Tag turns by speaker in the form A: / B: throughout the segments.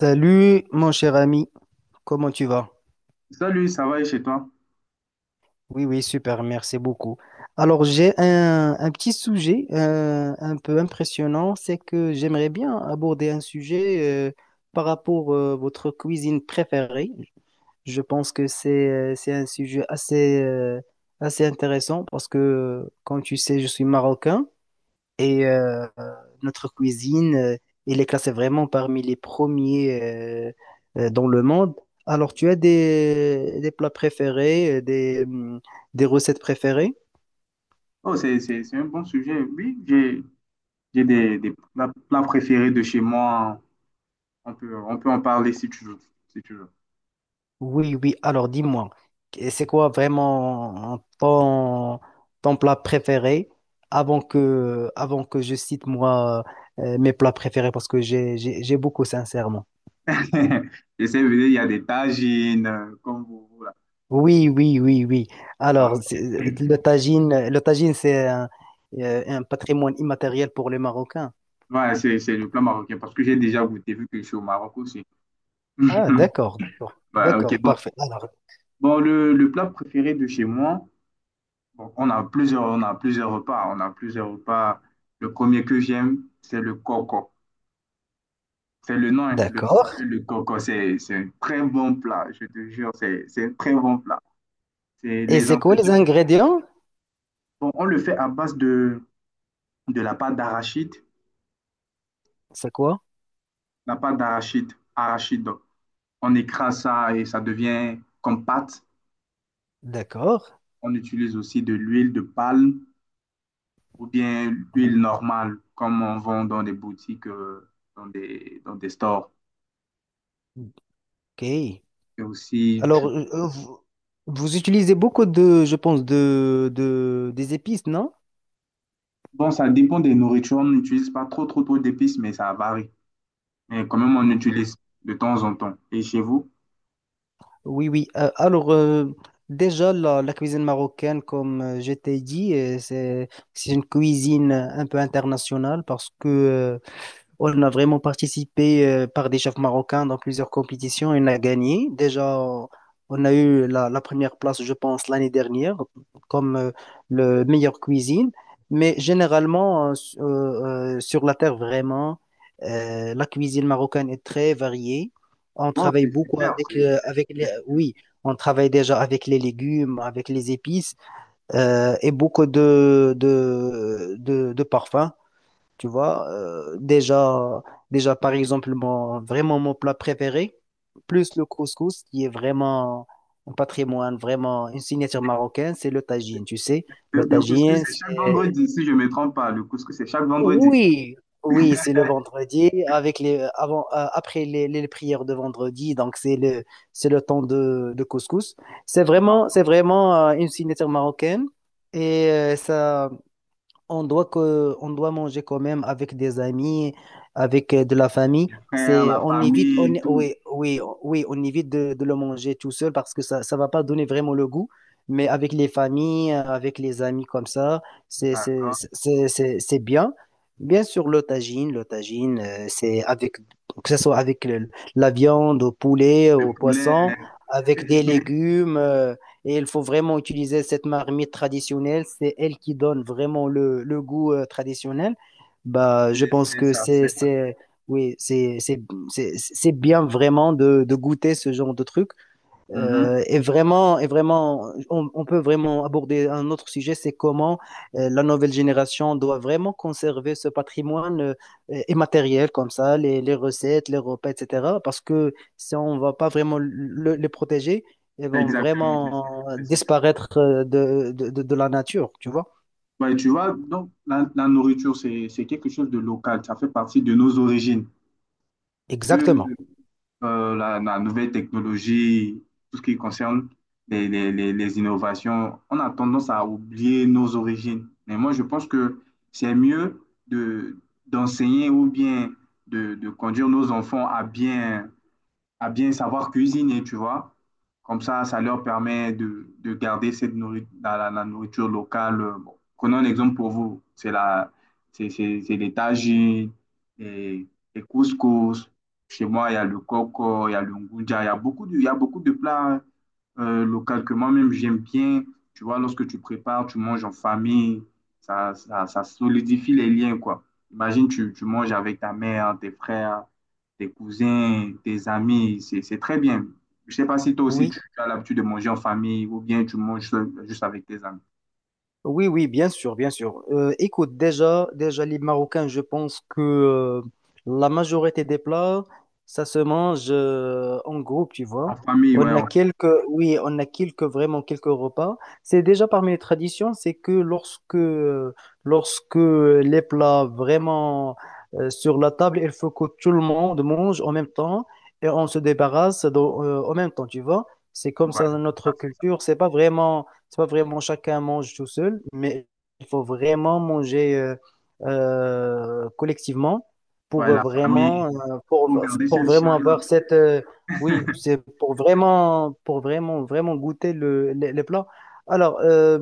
A: Salut mon cher ami, comment tu vas?
B: Salut, ça va et chez toi?
A: Oui, oui, super, merci beaucoup. Alors j'ai un petit sujet un peu impressionnant, c'est que j'aimerais bien aborder un sujet par rapport à votre cuisine préférée. Je pense que c'est un sujet assez intéressant parce que, comme tu sais, je suis marocain. Et notre cuisine, elle est classée vraiment parmi les premiers dans le monde. Alors, tu as des plats préférés, des recettes préférées?
B: Oh, c'est un bon sujet. Oui, j'ai des plats préférés de chez moi. On peut en parler si tu veux, si tu veux.
A: Oui, oui. Alors, dis-moi, c'est quoi vraiment ton plat préféré avant que je cite moi mes plats préférés parce que j'ai beaucoup, sincèrement.
B: Je sais, il y a des tagines, comme vous, voilà.
A: Oui, oui, oui, oui.
B: Ah,
A: Alors,
B: ok.
A: le tagine, c'est un patrimoine immatériel pour les Marocains.
B: Ouais, c'est le plat marocain parce que j'ai déjà goûté vu que je suis au Maroc aussi.
A: Ah, d'accord, d'accord,
B: Ouais, ok,
A: d'accord,
B: bon.
A: parfait. Alors,
B: Bon, le plat préféré de chez moi, bon, on a plusieurs repas. On a plusieurs repas. Le premier que j'aime, c'est le coco. C'est le nom, hein. Le nom
A: d'accord.
B: s'appelle le coco. C'est un très bon plat, je te jure. C'est un très bon plat. C'est
A: Et
B: les
A: c'est quoi les
B: ingrédients.
A: ingrédients?
B: Bon, on le fait à base de la pâte d'arachide.
A: C'est quoi?
B: La pâte d'arachide, arachide. Donc. On écrase ça et ça devient comme pâte.
A: D'accord.
B: On utilise aussi de l'huile de palme ou bien l'huile normale, comme on vend dans des boutiques, dans des stores.
A: Ok.
B: Et aussi,
A: Alors,
B: tu...
A: vous utilisez beaucoup de, je pense, des épices, non?
B: Bon, ça dépend des nourritures. On n'utilise pas trop d'épices, mais ça varie. Mais quand même, on utilise de temps en temps. Et chez vous?
A: Oui, oui. Alors, déjà, la cuisine marocaine, comme je t'ai dit, c'est une cuisine un peu internationale parce que on a vraiment participé par des chefs marocains dans plusieurs compétitions et on a gagné. Déjà, on a eu la première place, je pense, l'année dernière comme le meilleur cuisine. Mais généralement, sur la terre, vraiment, la cuisine marocaine est très variée. On
B: Wow,
A: travaille
B: c'est
A: beaucoup
B: super.
A: avec, euh, avec les,
B: C'est-
A: oui, on travaille déjà avec les légumes, avec les épices et beaucoup de parfums. Tu vois, déjà, par exemple, vraiment mon plat préféré, plus le couscous, qui est vraiment un patrimoine, vraiment une signature marocaine, c'est le tagine, tu sais. Le
B: Le couscous,
A: tagine,
B: c'est chaque
A: c'est...
B: vendredi, si je ne me trompe pas. Le couscous, c'est chaque vendredi.
A: Oui, oui, c'est le vendredi, après les prières de vendredi, donc c'est le temps de couscous. C'est vraiment,
B: Wow.
A: c'est vraiment euh, une signature marocaine et ça on doit manger quand même avec des amis, avec de la famille.
B: Les frères,
A: C'est,
B: la
A: on évite, on,
B: famille, tout.
A: oui, oui, oui, on évite de le manger tout seul parce que ça va pas donner vraiment le goût. Mais avec les familles, avec les amis comme ça, c'est, c'est,
B: D'accord?
A: c'est, c'est, c'est bien. Bien sûr, le tagine, que ce soit avec la viande, au poulet,
B: Le
A: au poisson,
B: poulet.
A: avec des légumes, et il faut vraiment utiliser cette marmite traditionnelle. C'est elle qui donne vraiment le goût traditionnel. Bah, je
B: C'est
A: pense
B: c'est
A: que
B: ça,
A: c'est,
B: c'est ça.
A: c'est, oui, c'est bien vraiment de goûter ce genre de truc.
B: Mhm.
A: Et vraiment, on peut vraiment aborder un autre sujet, c'est comment la nouvelle génération doit vraiment conserver ce patrimoine immatériel comme ça, les recettes, les repas, etc. Parce que si on ne va pas vraiment les protéger, elles vont
B: Exactement, c'est
A: vraiment
B: ça. C'est ça.
A: disparaître de la nature, tu vois?
B: Ouais, tu vois, donc la nourriture, c'est quelque chose de local. Ça fait partie de nos origines. Vu,
A: Exactement.
B: la nouvelle technologie, tout ce qui concerne les innovations, on a tendance à oublier nos origines. Mais moi, je pense que c'est mieux de, d'enseigner ou bien de conduire nos enfants à bien savoir cuisiner, tu vois. Comme ça leur permet de garder cette la nourriture locale. Bon, prenons un exemple pour vous. C'est la, c'est les tagines, les, les couscous. Chez moi, il y a le coco, il y a le ngunja, il y a beaucoup de plats locaux que moi-même j'aime bien. Tu vois, lorsque tu prépares, tu manges en famille, ça solidifie les liens, quoi. Imagine, tu manges avec ta mère, tes frères, tes cousins, tes amis, c'est très bien. Je sais pas si toi aussi
A: Oui.
B: tu as l'habitude de manger en famille ou bien tu manges seul, juste avec tes amis.
A: Oui, oui, bien sûr, bien sûr. Écoute, déjà, les Marocains, je pense que la majorité des plats, ça se mange en groupe, tu
B: La
A: vois.
B: famille, ouais,
A: On a quelques, oui, on a quelques, vraiment quelques repas. C'est déjà parmi les traditions, c'est que lorsque les plats vraiment sur la table, il faut que tout le monde mange en même temps et on se débarrasse en même temps, tu vois. C'est comme
B: ouais,
A: ça
B: c'est ça,
A: notre
B: c'est ça.
A: culture. C'est pas vraiment chacun mange tout seul, mais il faut vraiment manger collectivement
B: Ouais,
A: pour
B: la famille, faut
A: pour,
B: garder
A: pour
B: cette
A: vraiment
B: chaleur.
A: avoir cette, oui, c'est pour vraiment goûter les plats. Alors, euh,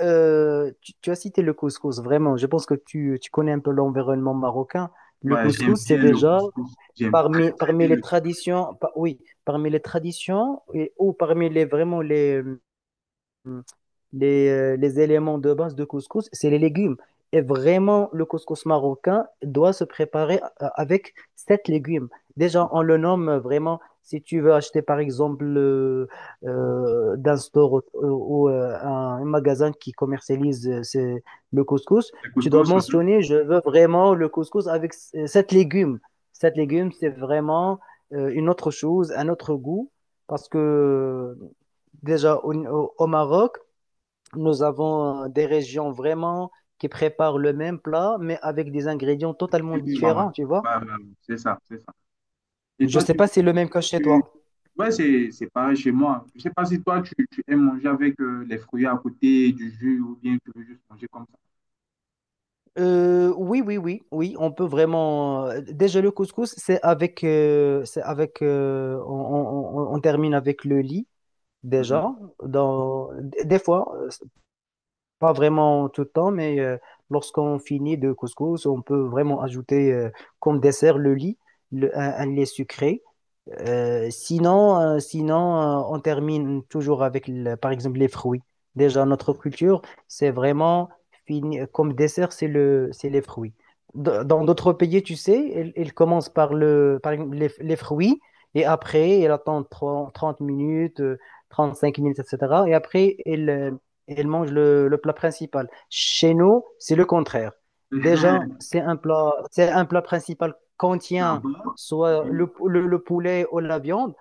A: euh, tu as cité le couscous, vraiment. Je pense que tu connais un peu l'environnement marocain. Le
B: Ouais, j'aime
A: couscous, c'est
B: bien le
A: déjà
B: couscous. J'aime très,
A: parmi,
B: très
A: parmi
B: bien
A: les
B: le
A: traditions, oui, parmi les traditions et, ou parmi les vraiment les éléments de base de couscous, c'est les légumes. Et vraiment, le couscous marocain doit se préparer avec sept légumes. Déjà, on
B: couscous.
A: le nomme vraiment, si tu veux acheter par exemple d'un store ou un magasin qui commercialise le couscous,
B: Le
A: tu dois
B: couscous, mhm.
A: mentionner, je veux vraiment le couscous avec sept légumes. Sept légumes, c'est vraiment une autre chose, un autre goût, parce que déjà au Maroc, nous avons des régions vraiment qui préparent le même plat, mais avec des ingrédients totalement
B: Et puis, ouais, ouais.
A: différents, tu
B: Ouais,
A: vois.
B: ouais, ouais, c'est ça, c'est ça. Et
A: Je ne
B: toi,
A: sais pas si c'est le même cas chez
B: tu-
A: toi.
B: ouais, c'est pareil chez moi. Je sais pas si toi, tu aimes manger avec les fruits à côté, du jus, ou bien tu veux juste manger comme ça.
A: Oui, oui, oui, oui, on peut vraiment. Déjà, le couscous, c'est avec, on termine avec le lit déjà.
B: Mhm.
A: Dans des fois, c'est pas vraiment tout le temps, mais lorsqu'on finit de couscous, on peut vraiment ajouter comme dessert le lit, un lait sucré. Sinon, on termine toujours avec, par exemple, les fruits. Déjà, notre culture, c'est vraiment fini, comme dessert, c'est les fruits. Dans d'autres pays, tu sais, ils commencent par le, par exemple, les fruits et après, ils attendent 30, 30 minutes, 35 minutes, etc. Et après, ils mangent le plat principal. Chez nous, c'est le contraire. Déjà, c'est un plat principal contient
B: D'abord,
A: soit
B: oui,
A: le poulet ou la viande,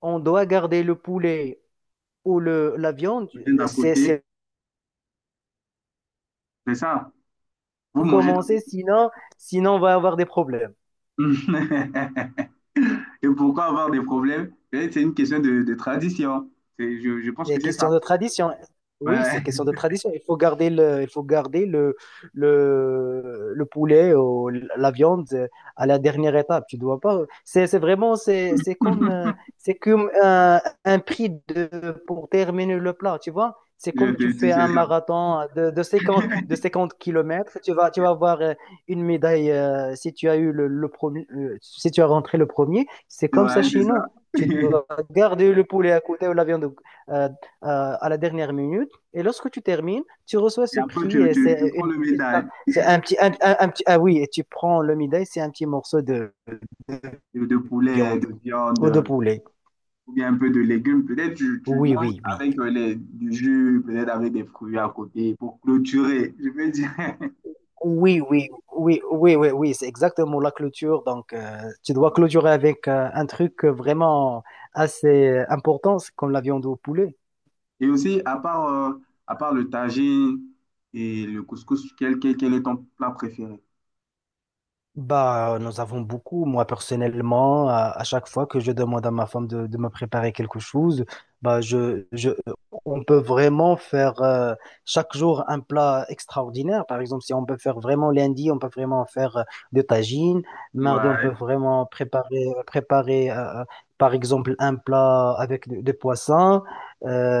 A: on doit garder le poulet ou la viande.
B: vient d'à
A: C'est,
B: côté,
A: c'est
B: c'est ça. Vous mangez d'abord.
A: commencer, sinon on va avoir des problèmes.
B: Et pourquoi avoir des problèmes? Eh, c'est une question de tradition. Je pense
A: C'est
B: que c'est ça.
A: question de tradition. Oui, c'est
B: Ouais.
A: question de tradition. Il faut garder le poulet ou la viande à la dernière étape. Tu dois pas. C'est vraiment, c'est comme un prix pour terminer le plat. Tu vois? C'est
B: Je
A: comme tu
B: te dis,
A: fais
B: c'est
A: un
B: ça.
A: marathon de 50 kilomètres. Tu vas avoir une médaille si tu as eu le premier, si tu as rentré le premier. C'est comme ça
B: Ouais, c'est
A: chez nous.
B: ça.
A: Tu dois garder le poulet à côté ou la viande euh, à la dernière minute. Et lorsque tu termines, tu reçois
B: Et
A: ce
B: après,
A: prix. et
B: tu
A: C'est
B: prends
A: une
B: le
A: petite
B: médaille
A: c'est un petit, un petit. Ah oui, et tu prends le midai, c'est un petit morceau de
B: de poulet,
A: viande
B: de
A: ou de
B: viande,
A: poulet.
B: ou bien un peu de légumes. Peut-être tu
A: Oui,
B: manges
A: oui, oui.
B: avec les, du jus, peut-être avec des fruits à côté pour clôturer. Je veux dire.
A: Oui, oui, oui, oui, oui, oui, c'est exactement la clôture. Donc, tu dois clôturer avec un truc vraiment assez important, c'est comme la viande au poulet.
B: Et aussi, à part le tagine et le couscous, quel est ton plat préféré?
A: Bah, nous avons beaucoup. Moi, personnellement, à chaque fois que je demande à ma femme de me préparer quelque chose, bah, on peut vraiment faire chaque jour un plat extraordinaire. Par exemple, si on peut faire vraiment lundi, on peut vraiment faire de tagine. Mardi, on
B: Ouais,
A: peut vraiment préparer, par exemple, un plat avec des poissons.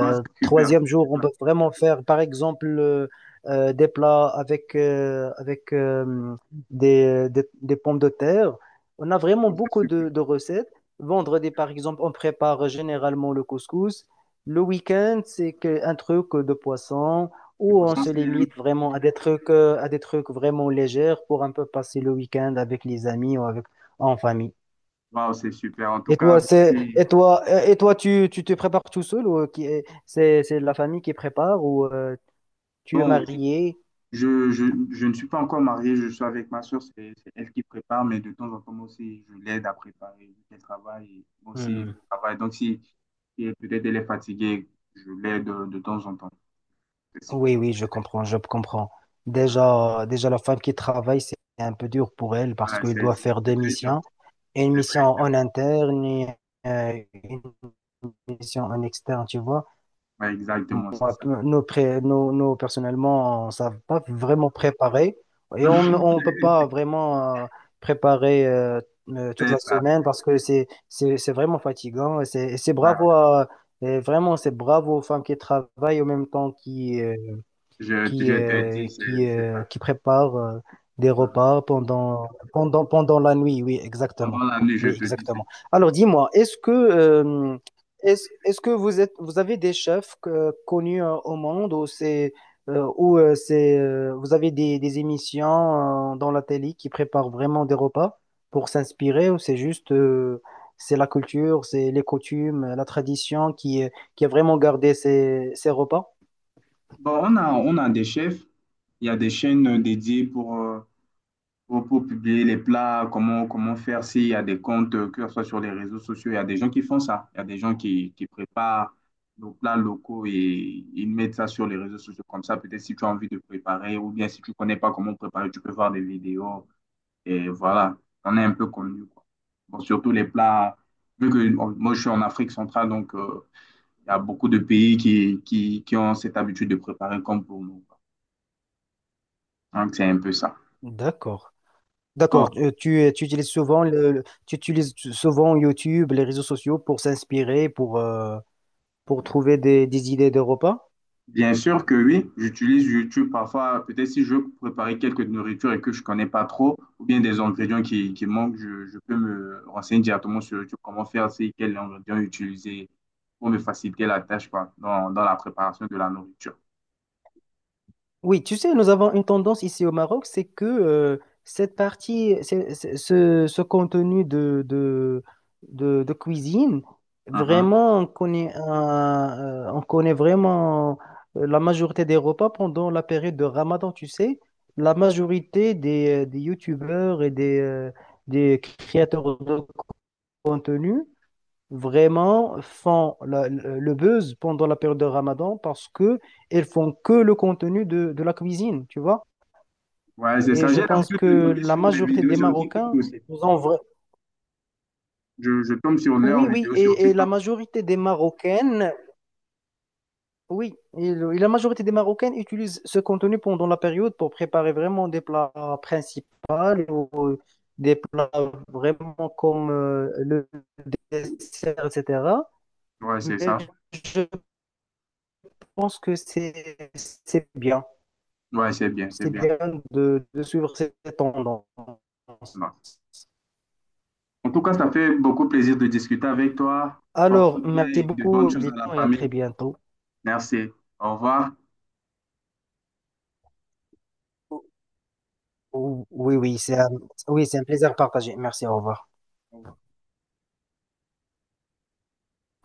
B: ouais, c'est super,
A: Troisième
B: c'est
A: jour, on
B: super.
A: peut vraiment faire, par exemple, des plats avec des pommes de terre. On a vraiment
B: C'est
A: beaucoup
B: super.
A: de recettes. Vendredi, par exemple, on prépare généralement le couscous. Le week-end, c'est un truc de poisson
B: Je
A: où
B: pense
A: on
B: qu'on
A: se
B: s'aime.
A: limite vraiment à des trucs vraiment légers pour un peu passer le week-end avec les amis ou avec, en famille.
B: Waouh, c'est super. En tout
A: Et
B: cas,
A: toi, c'est,
B: merci.
A: et toi, tu te prépares tout seul ou qui, c'est la famille qui prépare ou tu es
B: Bon,
A: marié?
B: je, je, je ne suis pas encore marié, je suis avec ma soeur, c'est elle qui prépare, mais de temps en temps moi aussi, je l'aide à préparer, vu qu'elle travaille, et moi aussi, je travaille. Donc, si si elle peut-être elle est fatiguée, je l'aide de temps en temps. C'est c'est-
A: Oui, oui, je comprends, je comprends. Déjà, la femme qui travaille, c'est un peu dur pour elle parce
B: ouais,
A: qu'elle doit faire
B: c'est
A: deux
B: très dur,
A: missions. Une
B: c'est
A: mission
B: très dur.
A: en interne et une mission en externe, tu vois.
B: Ouais,
A: Moi,
B: exactement, c'est ça.
A: nous, pré- nous, nous, personnellement, on ne savait pas vraiment préparer et on ne peut pas vraiment préparer toute
B: C'est
A: la
B: ça.
A: semaine parce que c'est vraiment fatigant. Et C'est, et c'est bravo
B: Ouais.
A: à- et vraiment, c'est bravo aux femmes qui travaillent en même temps qui euh, qui,
B: Je te
A: euh,
B: dis,
A: qui,
B: c'est
A: euh,
B: ça.
A: qui prépare des
B: Mm.
A: repas pendant la nuit. Oui, exactement.
B: Pendant la nuit, je
A: Oui,
B: te dis, c'est
A: exactement. Alors, dis-moi, est-ce que vous avez des chefs connus au monde ou vous avez des émissions dans la télé qui préparent vraiment des repas pour s'inspirer ou c'est juste, c'est la culture, c'est les coutumes, la tradition qui a vraiment gardé ces repas?
B: bon, on a des chefs. Il y a des chaînes dédiées pour, pour publier les plats, comment faire s'il y a des comptes, que ce soit sur les réseaux sociaux. Il y a des gens qui font ça. Il y a des gens qui préparent nos plats locaux et ils mettent ça sur les réseaux sociaux. Comme ça, peut-être si tu as envie de préparer ou bien si tu connais pas comment préparer, tu peux voir des vidéos. Et voilà, on est un peu connu, quoi. Bon, surtout les plats, vu que moi je suis en Afrique centrale, donc il y a beaucoup de pays qui ont cette habitude de préparer comme pour nous. Quoi. Donc c'est un peu ça.
A: D'accord.
B: Bon,
A: D'accord, tu utilises souvent YouTube, les réseaux sociaux pour s'inspirer, pour trouver des idées de repas?
B: bien sûr que oui, j'utilise YouTube parfois, peut-être si je veux préparer quelques nourritures et que je connais pas trop, ou bien des ingrédients qui manquent, je peux me renseigner directement sur YouTube comment faire, c'est quels ingrédients utiliser pour me faciliter la tâche, quoi, dans la préparation de la nourriture.
A: Oui, tu sais, nous avons une tendance ici au Maroc, c'est que cette partie, ce contenu de cuisine,
B: Mhm.
A: vraiment, on connaît, on connaît vraiment la majorité des repas pendant la période de Ramadan, tu sais. La majorité des youtubeurs et des créateurs de contenu vraiment font le buzz pendant la période de Ramadan parce que elles font que le contenu de la cuisine, tu vois.
B: Ouais, c'est
A: Et
B: ça.
A: je
B: J'ai
A: pense
B: l'habitude de
A: que
B: tomber
A: la
B: sur des
A: majorité
B: vidéos
A: des
B: sur TikTok
A: Marocains
B: aussi.
A: nous ont.
B: Je tombe sur leurs
A: Oui, oui,
B: vidéos sur
A: et la
B: TikTok.
A: majorité des Marocaines, oui, et, le- et la majorité des Marocaines utilisent ce contenu pendant la période pour préparer vraiment des plats principaux ou des plats vraiment comme le dessert, etc.
B: Ouais, c'est
A: Mais
B: ça.
A: je pense que c'est bien.
B: Ouais, c'est bien, c'est
A: C'est
B: bien.
A: bien de suivre cette tendance.
B: Bon. En tout cas, ça fait beaucoup plaisir de discuter avec toi. Porte-toi
A: Alors,
B: bien
A: merci
B: et de bonnes
A: beaucoup,
B: choses à la
A: Viton, et à très
B: famille.
A: bientôt.
B: Merci. Au revoir.
A: Oui, oui, oui, c'est un plaisir partagé. Merci, au revoir.